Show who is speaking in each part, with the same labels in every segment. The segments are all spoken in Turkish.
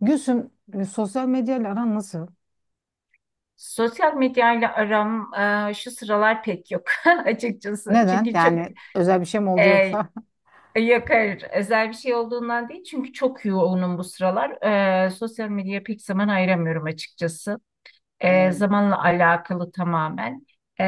Speaker 1: Gülsüm, sosyal medyayla aran nasıl?
Speaker 2: Sosyal medyayla aram şu sıralar pek yok açıkçası.
Speaker 1: Neden?
Speaker 2: Çünkü çok
Speaker 1: Yani özel bir şey mi
Speaker 2: e,
Speaker 1: oldu yoksa?
Speaker 2: yakar özel bir şey olduğundan değil. Çünkü çok yoğunum bu sıralar. Sosyal medyaya pek zaman ayıramıyorum açıkçası.
Speaker 1: E,
Speaker 2: Zamanla alakalı tamamen. E,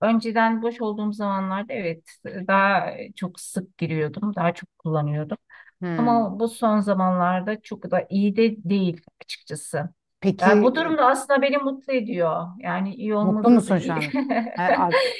Speaker 2: Önceden boş olduğum zamanlarda evet daha çok sık giriyordum. Daha çok kullanıyordum.
Speaker 1: hmm.
Speaker 2: Ama bu son zamanlarda çok da iyi de değil açıkçası.
Speaker 1: Peki
Speaker 2: Yani bu
Speaker 1: e,
Speaker 2: durum da aslında beni mutlu ediyor. Yani iyi
Speaker 1: mutlu
Speaker 2: olmadığı da
Speaker 1: musun şu
Speaker 2: iyi.
Speaker 1: an? Ha,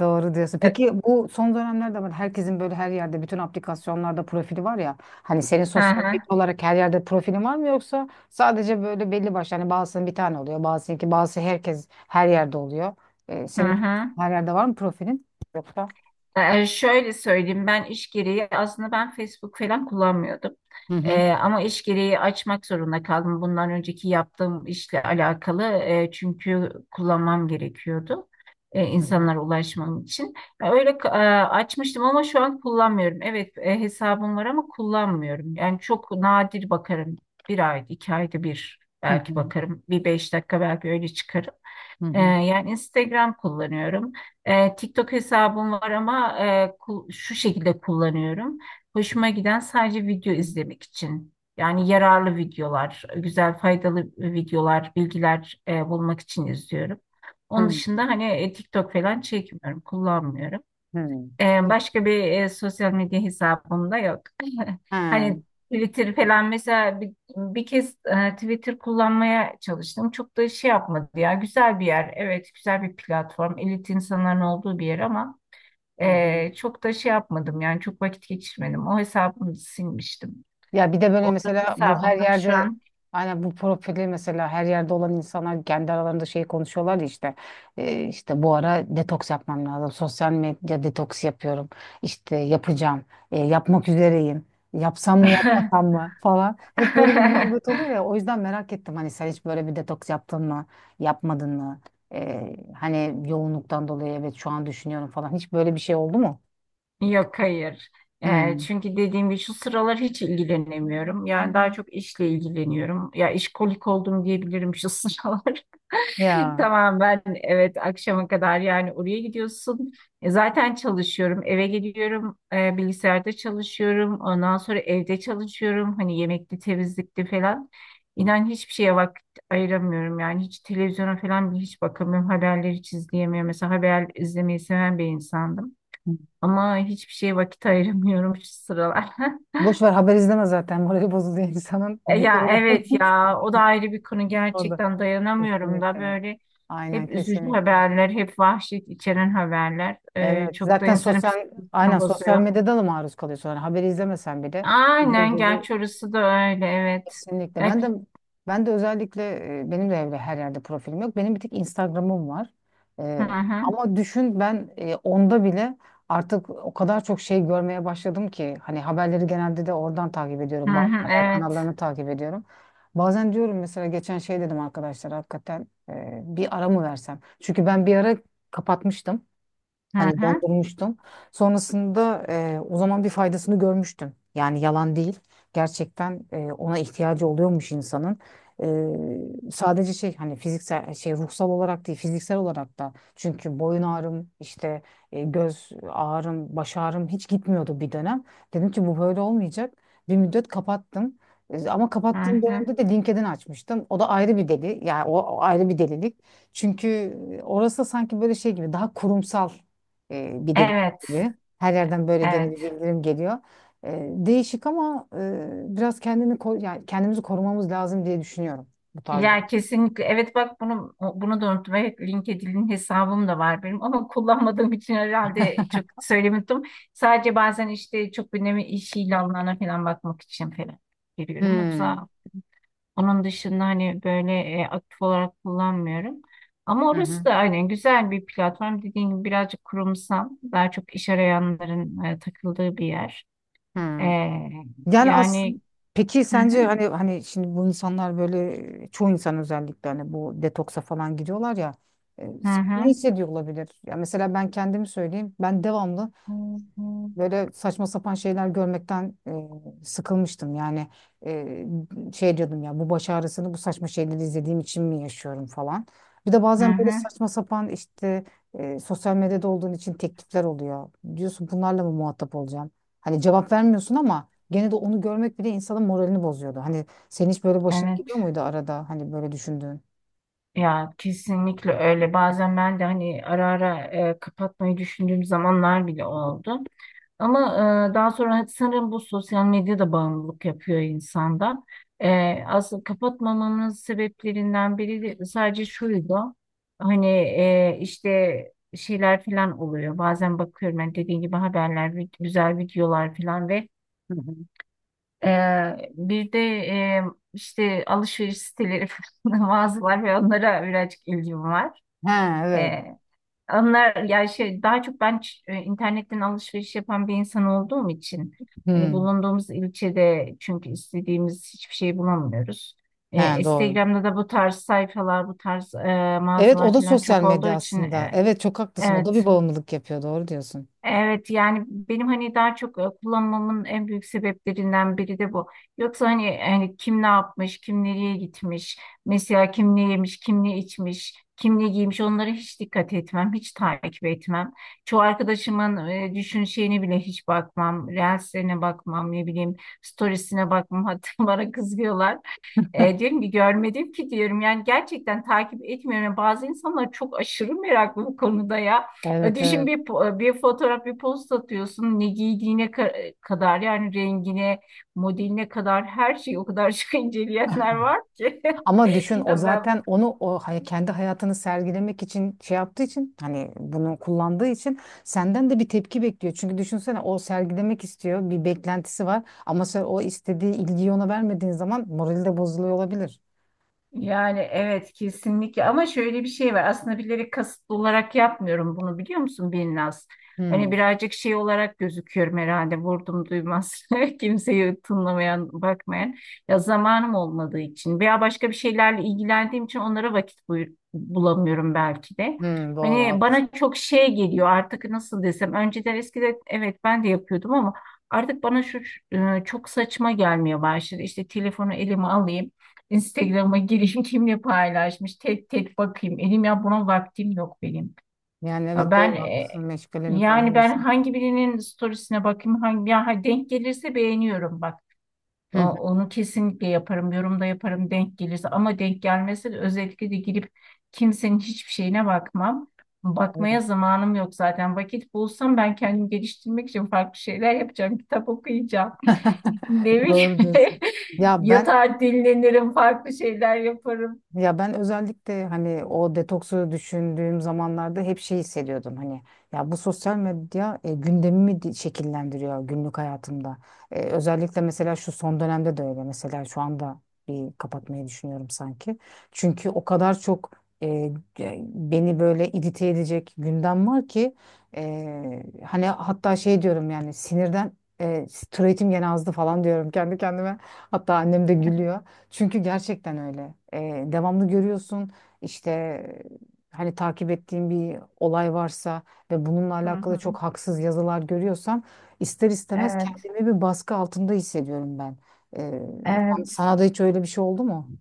Speaker 1: doğru diyorsun. Peki bu son dönemlerde var. Herkesin böyle her yerde bütün aplikasyonlarda profili var ya. Hani senin
Speaker 2: Hı
Speaker 1: sosyal medya
Speaker 2: hı,
Speaker 1: olarak her yerde profilin var mı yoksa sadece böyle belli başlı hani bazısının bir tane oluyor, bazısınınki bazısı herkes her yerde oluyor.
Speaker 2: hı
Speaker 1: Senin
Speaker 2: hı.
Speaker 1: her yerde var mı profilin? Yoksa?
Speaker 2: Şöyle söyleyeyim, ben iş gereği aslında Facebook falan kullanmıyordum.
Speaker 1: Hı hı.
Speaker 2: Ama iş gereği açmak zorunda kaldım. Bundan önceki yaptığım işle alakalı çünkü kullanmam gerekiyordu,
Speaker 1: Hı hı.
Speaker 2: insanlara ulaşmam için. Ya öyle açmıştım ama şu an kullanmıyorum. Evet, hesabım var ama kullanmıyorum. Yani çok nadir bakarım. Bir ay, iki ayda bir
Speaker 1: Hı
Speaker 2: belki
Speaker 1: hı.
Speaker 2: bakarım. Bir beş dakika belki öyle çıkarım. Yani Instagram kullanıyorum. TikTok hesabım var ama şu şekilde kullanıyorum. Hoşuma giden sadece video izlemek için. Yani yararlı videolar, güzel faydalı videolar, bilgiler bulmak için izliyorum.
Speaker 1: Hı
Speaker 2: Onun dışında
Speaker 1: hı.
Speaker 2: hani TikTok falan çekmiyorum, kullanmıyorum.
Speaker 1: Hı hı.
Speaker 2: Başka bir sosyal medya hesabım da yok.
Speaker 1: Ha.
Speaker 2: Hani Twitter falan mesela bir kez Twitter kullanmaya çalıştım. Çok da şey yapmadı ya. Güzel bir yer. Evet, güzel bir platform. Elit insanların olduğu bir yer ama
Speaker 1: Hı hı.
Speaker 2: çok da şey yapmadım. Yani çok vakit geçirmedim. O hesabımı silmiştim.
Speaker 1: Ya bir de böyle
Speaker 2: Orada bir
Speaker 1: mesela bu her
Speaker 2: hesabım yok şu
Speaker 1: yerde
Speaker 2: an.
Speaker 1: aynen bu profili mesela her yerde olan insanlar kendi aralarında şey konuşuyorlar ya işte işte bu ara detoks yapmam lazım. Sosyal medya detoks yapıyorum. İşte yapacağım. Yapmak üzereyim. Yapsam mı yapmasam mı falan. Hep böyle bir muhabbet oluyor ya. O yüzden merak ettim hani sen hiç böyle bir detoks yaptın mı? Yapmadın mı? Hani yoğunluktan dolayı evet şu an düşünüyorum falan. Hiç böyle bir şey oldu mu?
Speaker 2: Yok, hayır.
Speaker 1: Hmm.
Speaker 2: Çünkü dediğim gibi şu sıralar hiç ilgilenemiyorum. Yani daha çok işle ilgileniyorum. Ya işkolik oldum diyebilirim şu sıralar.
Speaker 1: Ya.
Speaker 2: Tamam, ben evet akşama kadar yani oraya gidiyorsun. Zaten çalışıyorum. Eve geliyorum, bilgisayarda çalışıyorum. Ondan sonra evde çalışıyorum. Hani yemekli temizlikli falan. İnan hiçbir şeye vakit ayıramıyorum. Yani hiç televizyona falan bile hiç bakamıyorum. Haberleri hiç izleyemiyorum. Mesela haber izlemeyi seven bir insandım. Ama hiçbir şeye vakit ayıramıyorum şu sıralar.
Speaker 1: Boş ver haber izleme zaten. Morali bozuluyor insanın.
Speaker 2: E ya
Speaker 1: Bitirirler.
Speaker 2: evet, ya o da ayrı bir konu,
Speaker 1: Orada.
Speaker 2: gerçekten dayanamıyorum da
Speaker 1: Kesinlikle.
Speaker 2: böyle
Speaker 1: Aynen
Speaker 2: hep üzücü
Speaker 1: kesinlikle.
Speaker 2: haberler, hep vahşet içeren haberler,
Speaker 1: Evet.
Speaker 2: çok da
Speaker 1: Zaten
Speaker 2: insanın
Speaker 1: sosyal
Speaker 2: psikolojisini
Speaker 1: aynen sosyal
Speaker 2: bozuyor.
Speaker 1: medyada da maruz kalıyor sonra. Haberi izlemesen bile. Dediğin
Speaker 2: Aynen,
Speaker 1: gibi.
Speaker 2: gerçi orası da öyle evet.
Speaker 1: Kesinlikle. Ben de
Speaker 2: Evet.
Speaker 1: ben de özellikle benim de evde her yerde profilim yok. Benim bir tek Instagram'ım var.
Speaker 2: Hı
Speaker 1: E,
Speaker 2: hı.
Speaker 1: Ama düşün ben onda bile artık o kadar çok şey görmeye başladım ki hani haberleri genelde de oradan takip
Speaker 2: Hı
Speaker 1: ediyorum. Bazı
Speaker 2: hı.
Speaker 1: haber
Speaker 2: Evet.
Speaker 1: kanallarını takip ediyorum. Bazen diyorum mesela geçen şey dedim arkadaşlar hakikaten bir ara mı versem? Çünkü ben bir ara kapatmıştım.
Speaker 2: Hı
Speaker 1: Hani
Speaker 2: hı.
Speaker 1: dondurmuştum. Sonrasında o zaman bir faydasını görmüştüm. Yani yalan değil. Gerçekten ona ihtiyacı oluyormuş insanın. Sadece şey hani fiziksel şey ruhsal olarak değil fiziksel olarak da. Çünkü boyun ağrım işte göz ağrım baş ağrım hiç gitmiyordu bir dönem. Dedim ki bu böyle olmayacak. Bir müddet kapattım. Ama
Speaker 2: Hı
Speaker 1: kapattığım
Speaker 2: hı.
Speaker 1: dönemde de LinkedIn açmıştım. O da ayrı bir deli. Yani o ayrı bir delilik. Çünkü orası sanki böyle şey gibi daha kurumsal bir deli
Speaker 2: Evet.
Speaker 1: geliyor. Her yerden böyle gene bir
Speaker 2: Evet.
Speaker 1: bildirim geliyor. Değişik ama biraz kendini yani kendimizi korumamız lazım diye düşünüyorum bu tarzda.
Speaker 2: Ya kesinlikle. Evet bak, bunu da unuttum. Evet, LinkedIn'in hesabım da var benim ama kullanmadığım için herhalde çok söylemedim. Sadece bazen işte çok önemli iş ilanlarına falan bakmak için falan giriyorum.
Speaker 1: Hmm.
Speaker 2: Yoksa onun dışında hani böyle aktif olarak kullanmıyorum. Ama
Speaker 1: Hı
Speaker 2: orası
Speaker 1: hı.
Speaker 2: da aynen güzel bir platform. Dediğim gibi birazcık kurumsal, daha çok iş arayanların takıldığı bir yer. E,
Speaker 1: Hı. Yani aslında
Speaker 2: yani
Speaker 1: peki
Speaker 2: hı hı,
Speaker 1: sence hani şimdi bu insanlar böyle çoğu insan özellikle hani bu detoksa falan gidiyorlar ya
Speaker 2: hı
Speaker 1: sen ne
Speaker 2: hı,
Speaker 1: hissediyor olabilir? Ya mesela ben kendimi söyleyeyim. Ben devamlı
Speaker 2: hı
Speaker 1: böyle saçma sapan şeyler görmekten sıkılmıştım. Yani e, şey diyordum ya bu baş ağrısını bu saçma şeyleri izlediğim için mi yaşıyorum falan. Bir de
Speaker 2: hı,
Speaker 1: bazen böyle
Speaker 2: hı.
Speaker 1: saçma sapan işte sosyal medyada olduğun için teklifler oluyor. Diyorsun bunlarla mı muhatap olacağım? Hani cevap vermiyorsun ama gene de onu görmek bile insanın moralini bozuyordu. Hani senin hiç böyle başına
Speaker 2: Evet.
Speaker 1: gidiyor muydu arada hani böyle düşündüğün?
Speaker 2: Ya kesinlikle öyle. Bazen ben de hani ara ara kapatmayı düşündüğüm zamanlar bile oldu. Ama daha sonra hani, sanırım bu sosyal medya da bağımlılık yapıyor insanda. E, Aslında kapatmamamın sebeplerinden biri de sadece şuydu. Hani işte şeyler falan oluyor. Bazen bakıyorum ben dediğim gibi haberler, güzel videolar falan ve
Speaker 1: Hı hı.
Speaker 2: e, bir de işte alışveriş siteleri falan, mağazalar ve onlara birazcık ilgim var.
Speaker 1: He evet.
Speaker 2: Ee, onlar ya şey, daha çok ben internetten alışveriş yapan bir insan olduğum için hani
Speaker 1: Hmm.
Speaker 2: bulunduğumuz ilçede çünkü istediğimiz hiçbir şey bulamıyoruz.
Speaker 1: He doğru.
Speaker 2: Instagram'da da bu tarz sayfalar, bu tarz
Speaker 1: Evet o
Speaker 2: mağazalar
Speaker 1: da
Speaker 2: falan
Speaker 1: sosyal
Speaker 2: çok olduğu
Speaker 1: medya
Speaker 2: için
Speaker 1: aslında. Evet çok haklısın. O da
Speaker 2: evet.
Speaker 1: bir bağımlılık yapıyor. Doğru diyorsun.
Speaker 2: Evet, yani benim hani daha çok kullanmamın en büyük sebeplerinden biri de bu. Yoksa hani, hani kim ne yapmış, kim nereye gitmiş, mesela kim ne yemiş, kim ne içmiş, kim ne giymiş, onlara hiç dikkat etmem, hiç takip etmem. Çoğu arkadaşımın düşün şeyine bile hiç bakmam, reelslerine bakmam, ne bileyim storiesine bakmam. Hatta bana kızıyorlar. E, diyorum ki görmedim ki diyorum, yani gerçekten takip etmiyorum. Yani bazı insanlar çok aşırı meraklı bu konuda ya. E,
Speaker 1: Evet
Speaker 2: düşün,
Speaker 1: evet.
Speaker 2: bir fotoğraf, bir post atıyorsun, ne giydiğine kadar, yani rengine modeline kadar her şeyi o kadar çok inceleyenler var ki.
Speaker 1: Ama düşün o
Speaker 2: Ya Ben
Speaker 1: zaten onu kendi hayatını sergilemek için şey yaptığı için hani bunu kullandığı için senden de bir tepki bekliyor. Çünkü düşünsene o sergilemek istiyor. Bir beklentisi var ama sen o istediği ilgiyi ona vermediğin zaman morali de bozuluyor olabilir.
Speaker 2: Yani evet kesinlikle, ama şöyle bir şey var, aslında bilerek kasıtlı olarak yapmıyorum bunu, biliyor musun Binnaz? Hani
Speaker 1: Hmm.
Speaker 2: birazcık şey olarak gözüküyorum herhalde, vurdum duymaz, kimseyi tınlamayan, bakmayan, ya zamanım olmadığı için veya başka bir şeylerle ilgilendiğim için onlara vakit bulamıyorum belki de.
Speaker 1: Hmm, doğru
Speaker 2: Hani
Speaker 1: haklısın.
Speaker 2: bana çok şey geliyor artık, nasıl desem, önceden eskiden evet ben de yapıyordum ama artık bana şu çok saçma gelmeye başladı, işte telefonu elime alayım, Instagram'a gireyim, kimle paylaşmış tek tek bakayım. Elim ya, buna vaktim yok benim.
Speaker 1: Yani
Speaker 2: Ya
Speaker 1: evet
Speaker 2: ben
Speaker 1: doğru haklısın. Meşgalenin
Speaker 2: yani ben
Speaker 1: fazlaysa.
Speaker 2: hangi birinin storiesine bakayım, hangi ya ha, denk gelirse beğeniyorum bak.
Speaker 1: Hı hı,
Speaker 2: Onu kesinlikle yaparım, yorumda yaparım denk gelirse, ama denk gelmese de özellikle de girip kimsenin hiçbir şeyine bakmam.
Speaker 1: evet.
Speaker 2: Bakmaya zamanım yok zaten. Vakit bulsam ben kendimi geliştirmek için farklı şeyler yapacağım. Kitap okuyacağım. Ne bileyim.
Speaker 1: Doğru diyorsun. Ya ben
Speaker 2: Yatağa dinlenirim, farklı şeyler yaparım.
Speaker 1: Ya ben özellikle hani o detoksu düşündüğüm zamanlarda hep şey hissediyordum hani ya bu sosyal medya gündemimi şekillendiriyor günlük hayatımda. Özellikle mesela şu son dönemde de öyle mesela şu anda bir kapatmayı düşünüyorum sanki. Çünkü o kadar çok e, beni böyle irite edecek gündem var ki hani hatta şey diyorum yani sinirden türetim gene azdı falan diyorum kendi kendime. Hatta annem de gülüyor. Çünkü gerçekten öyle. Devamlı görüyorsun işte hani takip ettiğim bir olay varsa ve bununla
Speaker 2: Hı
Speaker 1: alakalı
Speaker 2: hı.
Speaker 1: çok haksız yazılar görüyorsam ister istemez
Speaker 2: Evet,
Speaker 1: kendimi bir baskı altında hissediyorum ben. Ee,
Speaker 2: evet.
Speaker 1: Sana da hiç öyle bir şey oldu mu?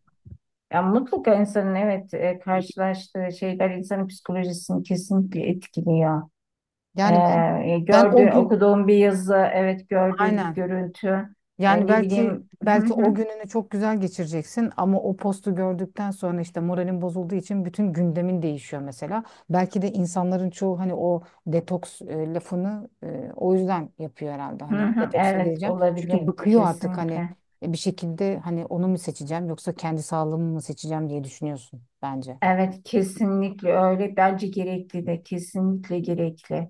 Speaker 2: Ya mutlaka insanın evet karşılaştığı şeyler insanın psikolojisini kesinlikle etkiliyor.
Speaker 1: Yani ben ben o
Speaker 2: Gördüğün,
Speaker 1: gün
Speaker 2: okuduğun bir yazı, evet gördüğün bir
Speaker 1: aynen.
Speaker 2: görüntü,
Speaker 1: Yani
Speaker 2: ne
Speaker 1: belki
Speaker 2: bileyim, hı
Speaker 1: belki o
Speaker 2: hı,
Speaker 1: gününü çok güzel geçireceksin ama o postu gördükten sonra işte moralin bozulduğu için bütün gündemin değişiyor mesela. Belki de insanların çoğu hani o detoks lafını o yüzden yapıyor herhalde.
Speaker 2: hı
Speaker 1: Hani
Speaker 2: hı.
Speaker 1: detoksa
Speaker 2: Evet,
Speaker 1: gireceğim. Çünkü
Speaker 2: olabilir
Speaker 1: bıkıyor artık hani
Speaker 2: kesinlikle.
Speaker 1: bir şekilde hani onu mu seçeceğim yoksa kendi sağlığımı mı seçeceğim diye düşünüyorsun bence.
Speaker 2: Evet kesinlikle öyle. Bence gerekli de, kesinlikle gerekli.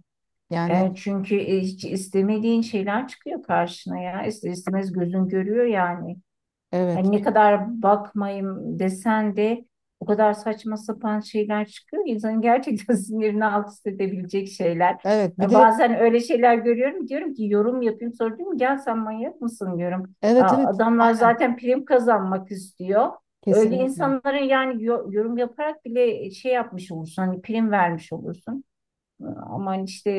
Speaker 1: Yani
Speaker 2: E, çünkü hiç istemediğin şeyler çıkıyor karşına ya. İster istemez gözün görüyor yani. Hani
Speaker 1: evet.
Speaker 2: ne kadar bakmayayım desen de o kadar saçma sapan şeyler çıkıyor. İnsanın gerçekten sinirini alt üst edebilecek şeyler.
Speaker 1: Evet bir
Speaker 2: Yani
Speaker 1: de
Speaker 2: bazen öyle şeyler görüyorum diyorum ki yorum yapayım, sonra diyorum gel sen manyak mısın diyorum.
Speaker 1: evet
Speaker 2: Aa,
Speaker 1: evet
Speaker 2: adamlar
Speaker 1: aynen
Speaker 2: zaten prim kazanmak istiyor. Öyle
Speaker 1: kesinlikle.
Speaker 2: insanlara yani yorum yaparak bile şey yapmış olursun, hani prim vermiş olursun. Ama hani işte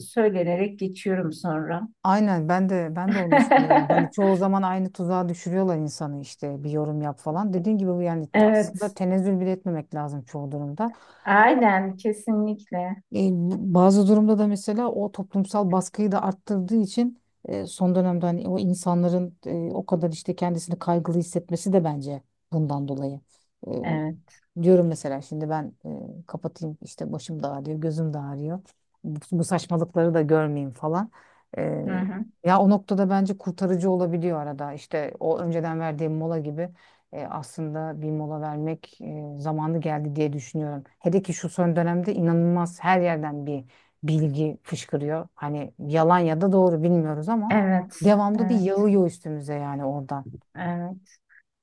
Speaker 2: söylenerek geçiyorum sonra.
Speaker 1: Aynen ben de onu düşünüyorum. Hani çoğu zaman aynı tuzağa düşürüyorlar insanı işte bir yorum yap falan. Dediğin gibi bu yani aslında
Speaker 2: Evet,
Speaker 1: tenezzül bile etmemek lazım çoğu durumda. Ama
Speaker 2: aynen kesinlikle.
Speaker 1: bazı durumda da mesela o toplumsal baskıyı da arttırdığı için son dönemde hani o insanların o kadar işte kendisini kaygılı hissetmesi de bence bundan dolayı. e,
Speaker 2: Evet.
Speaker 1: Diyorum mesela şimdi ben kapatayım işte başım da ağrıyor, gözüm de ağrıyor. Bu saçmalıkları da görmeyeyim falan. E,
Speaker 2: Hı hı.
Speaker 1: Ya o noktada bence kurtarıcı olabiliyor arada. İşte o önceden verdiğim mola gibi aslında bir mola vermek zamanı geldi diye düşünüyorum. Hele ki şu son dönemde inanılmaz her yerden bir bilgi fışkırıyor. Hani yalan ya da doğru bilmiyoruz ama
Speaker 2: Evet.
Speaker 1: devamlı bir
Speaker 2: Evet.
Speaker 1: yağıyor üstümüze yani oradan.
Speaker 2: Evet.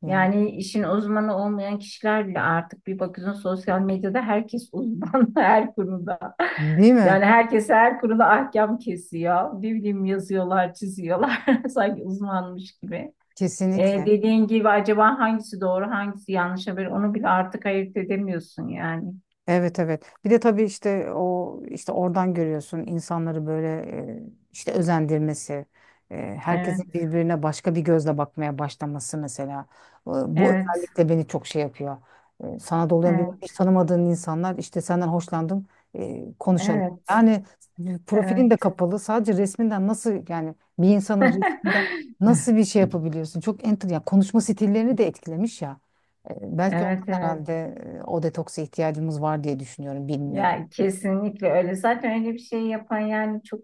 Speaker 1: Yani,
Speaker 2: Yani işin uzmanı olmayan kişiler bile artık bir bakıyorsun, sosyal medyada herkes uzman her konuda.
Speaker 1: değil mi?
Speaker 2: Yani herkes her konuda ahkam kesiyor. Ne bileyim, yazıyorlar, çiziyorlar. Sanki uzmanmış gibi.
Speaker 1: Kesinlikle.
Speaker 2: Dediğin gibi acaba hangisi doğru, hangisi yanlış haber, onu bile artık ayırt edemiyorsun yani.
Speaker 1: Evet evet. Bir de tabii işte o işte oradan görüyorsun insanları böyle e, işte özendirmesi, herkesin
Speaker 2: Evet.
Speaker 1: birbirine başka bir gözle bakmaya başlaması mesela. Bu
Speaker 2: Evet.
Speaker 1: özellikle beni çok şey yapıyor. Sana dolayan bir hiç
Speaker 2: Evet.
Speaker 1: tanımadığın insanlar işte senden hoşlandım konuşalım.
Speaker 2: Evet.
Speaker 1: Yani profilin de
Speaker 2: Evet.
Speaker 1: kapalı sadece resminden nasıl yani bir insanın resminden nasıl bir şey yapabiliyorsun? Çok enter yani konuşma stillerini de etkilemiş ya. Belki
Speaker 2: Evet, evet.
Speaker 1: herhalde o detoksa ihtiyacımız var diye düşünüyorum. Bilmiyorum.
Speaker 2: Ya kesinlikle öyle. Zaten öyle bir şey yapan yani çok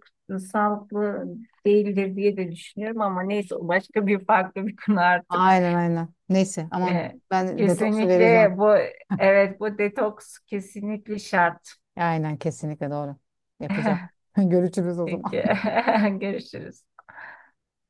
Speaker 2: sağlıklı değildir diye de düşünüyorum, ama neyse o başka bir farklı bir konu artık.
Speaker 1: Aynen aynen. Neyse ama
Speaker 2: Ee,
Speaker 1: ben detoksu vereceğim.
Speaker 2: kesinlikle bu, evet bu detoks kesinlikle şart.
Speaker 1: Aynen kesinlikle doğru. Yapacağım. Görüşürüz o zaman.
Speaker 2: Peki, görüşürüz.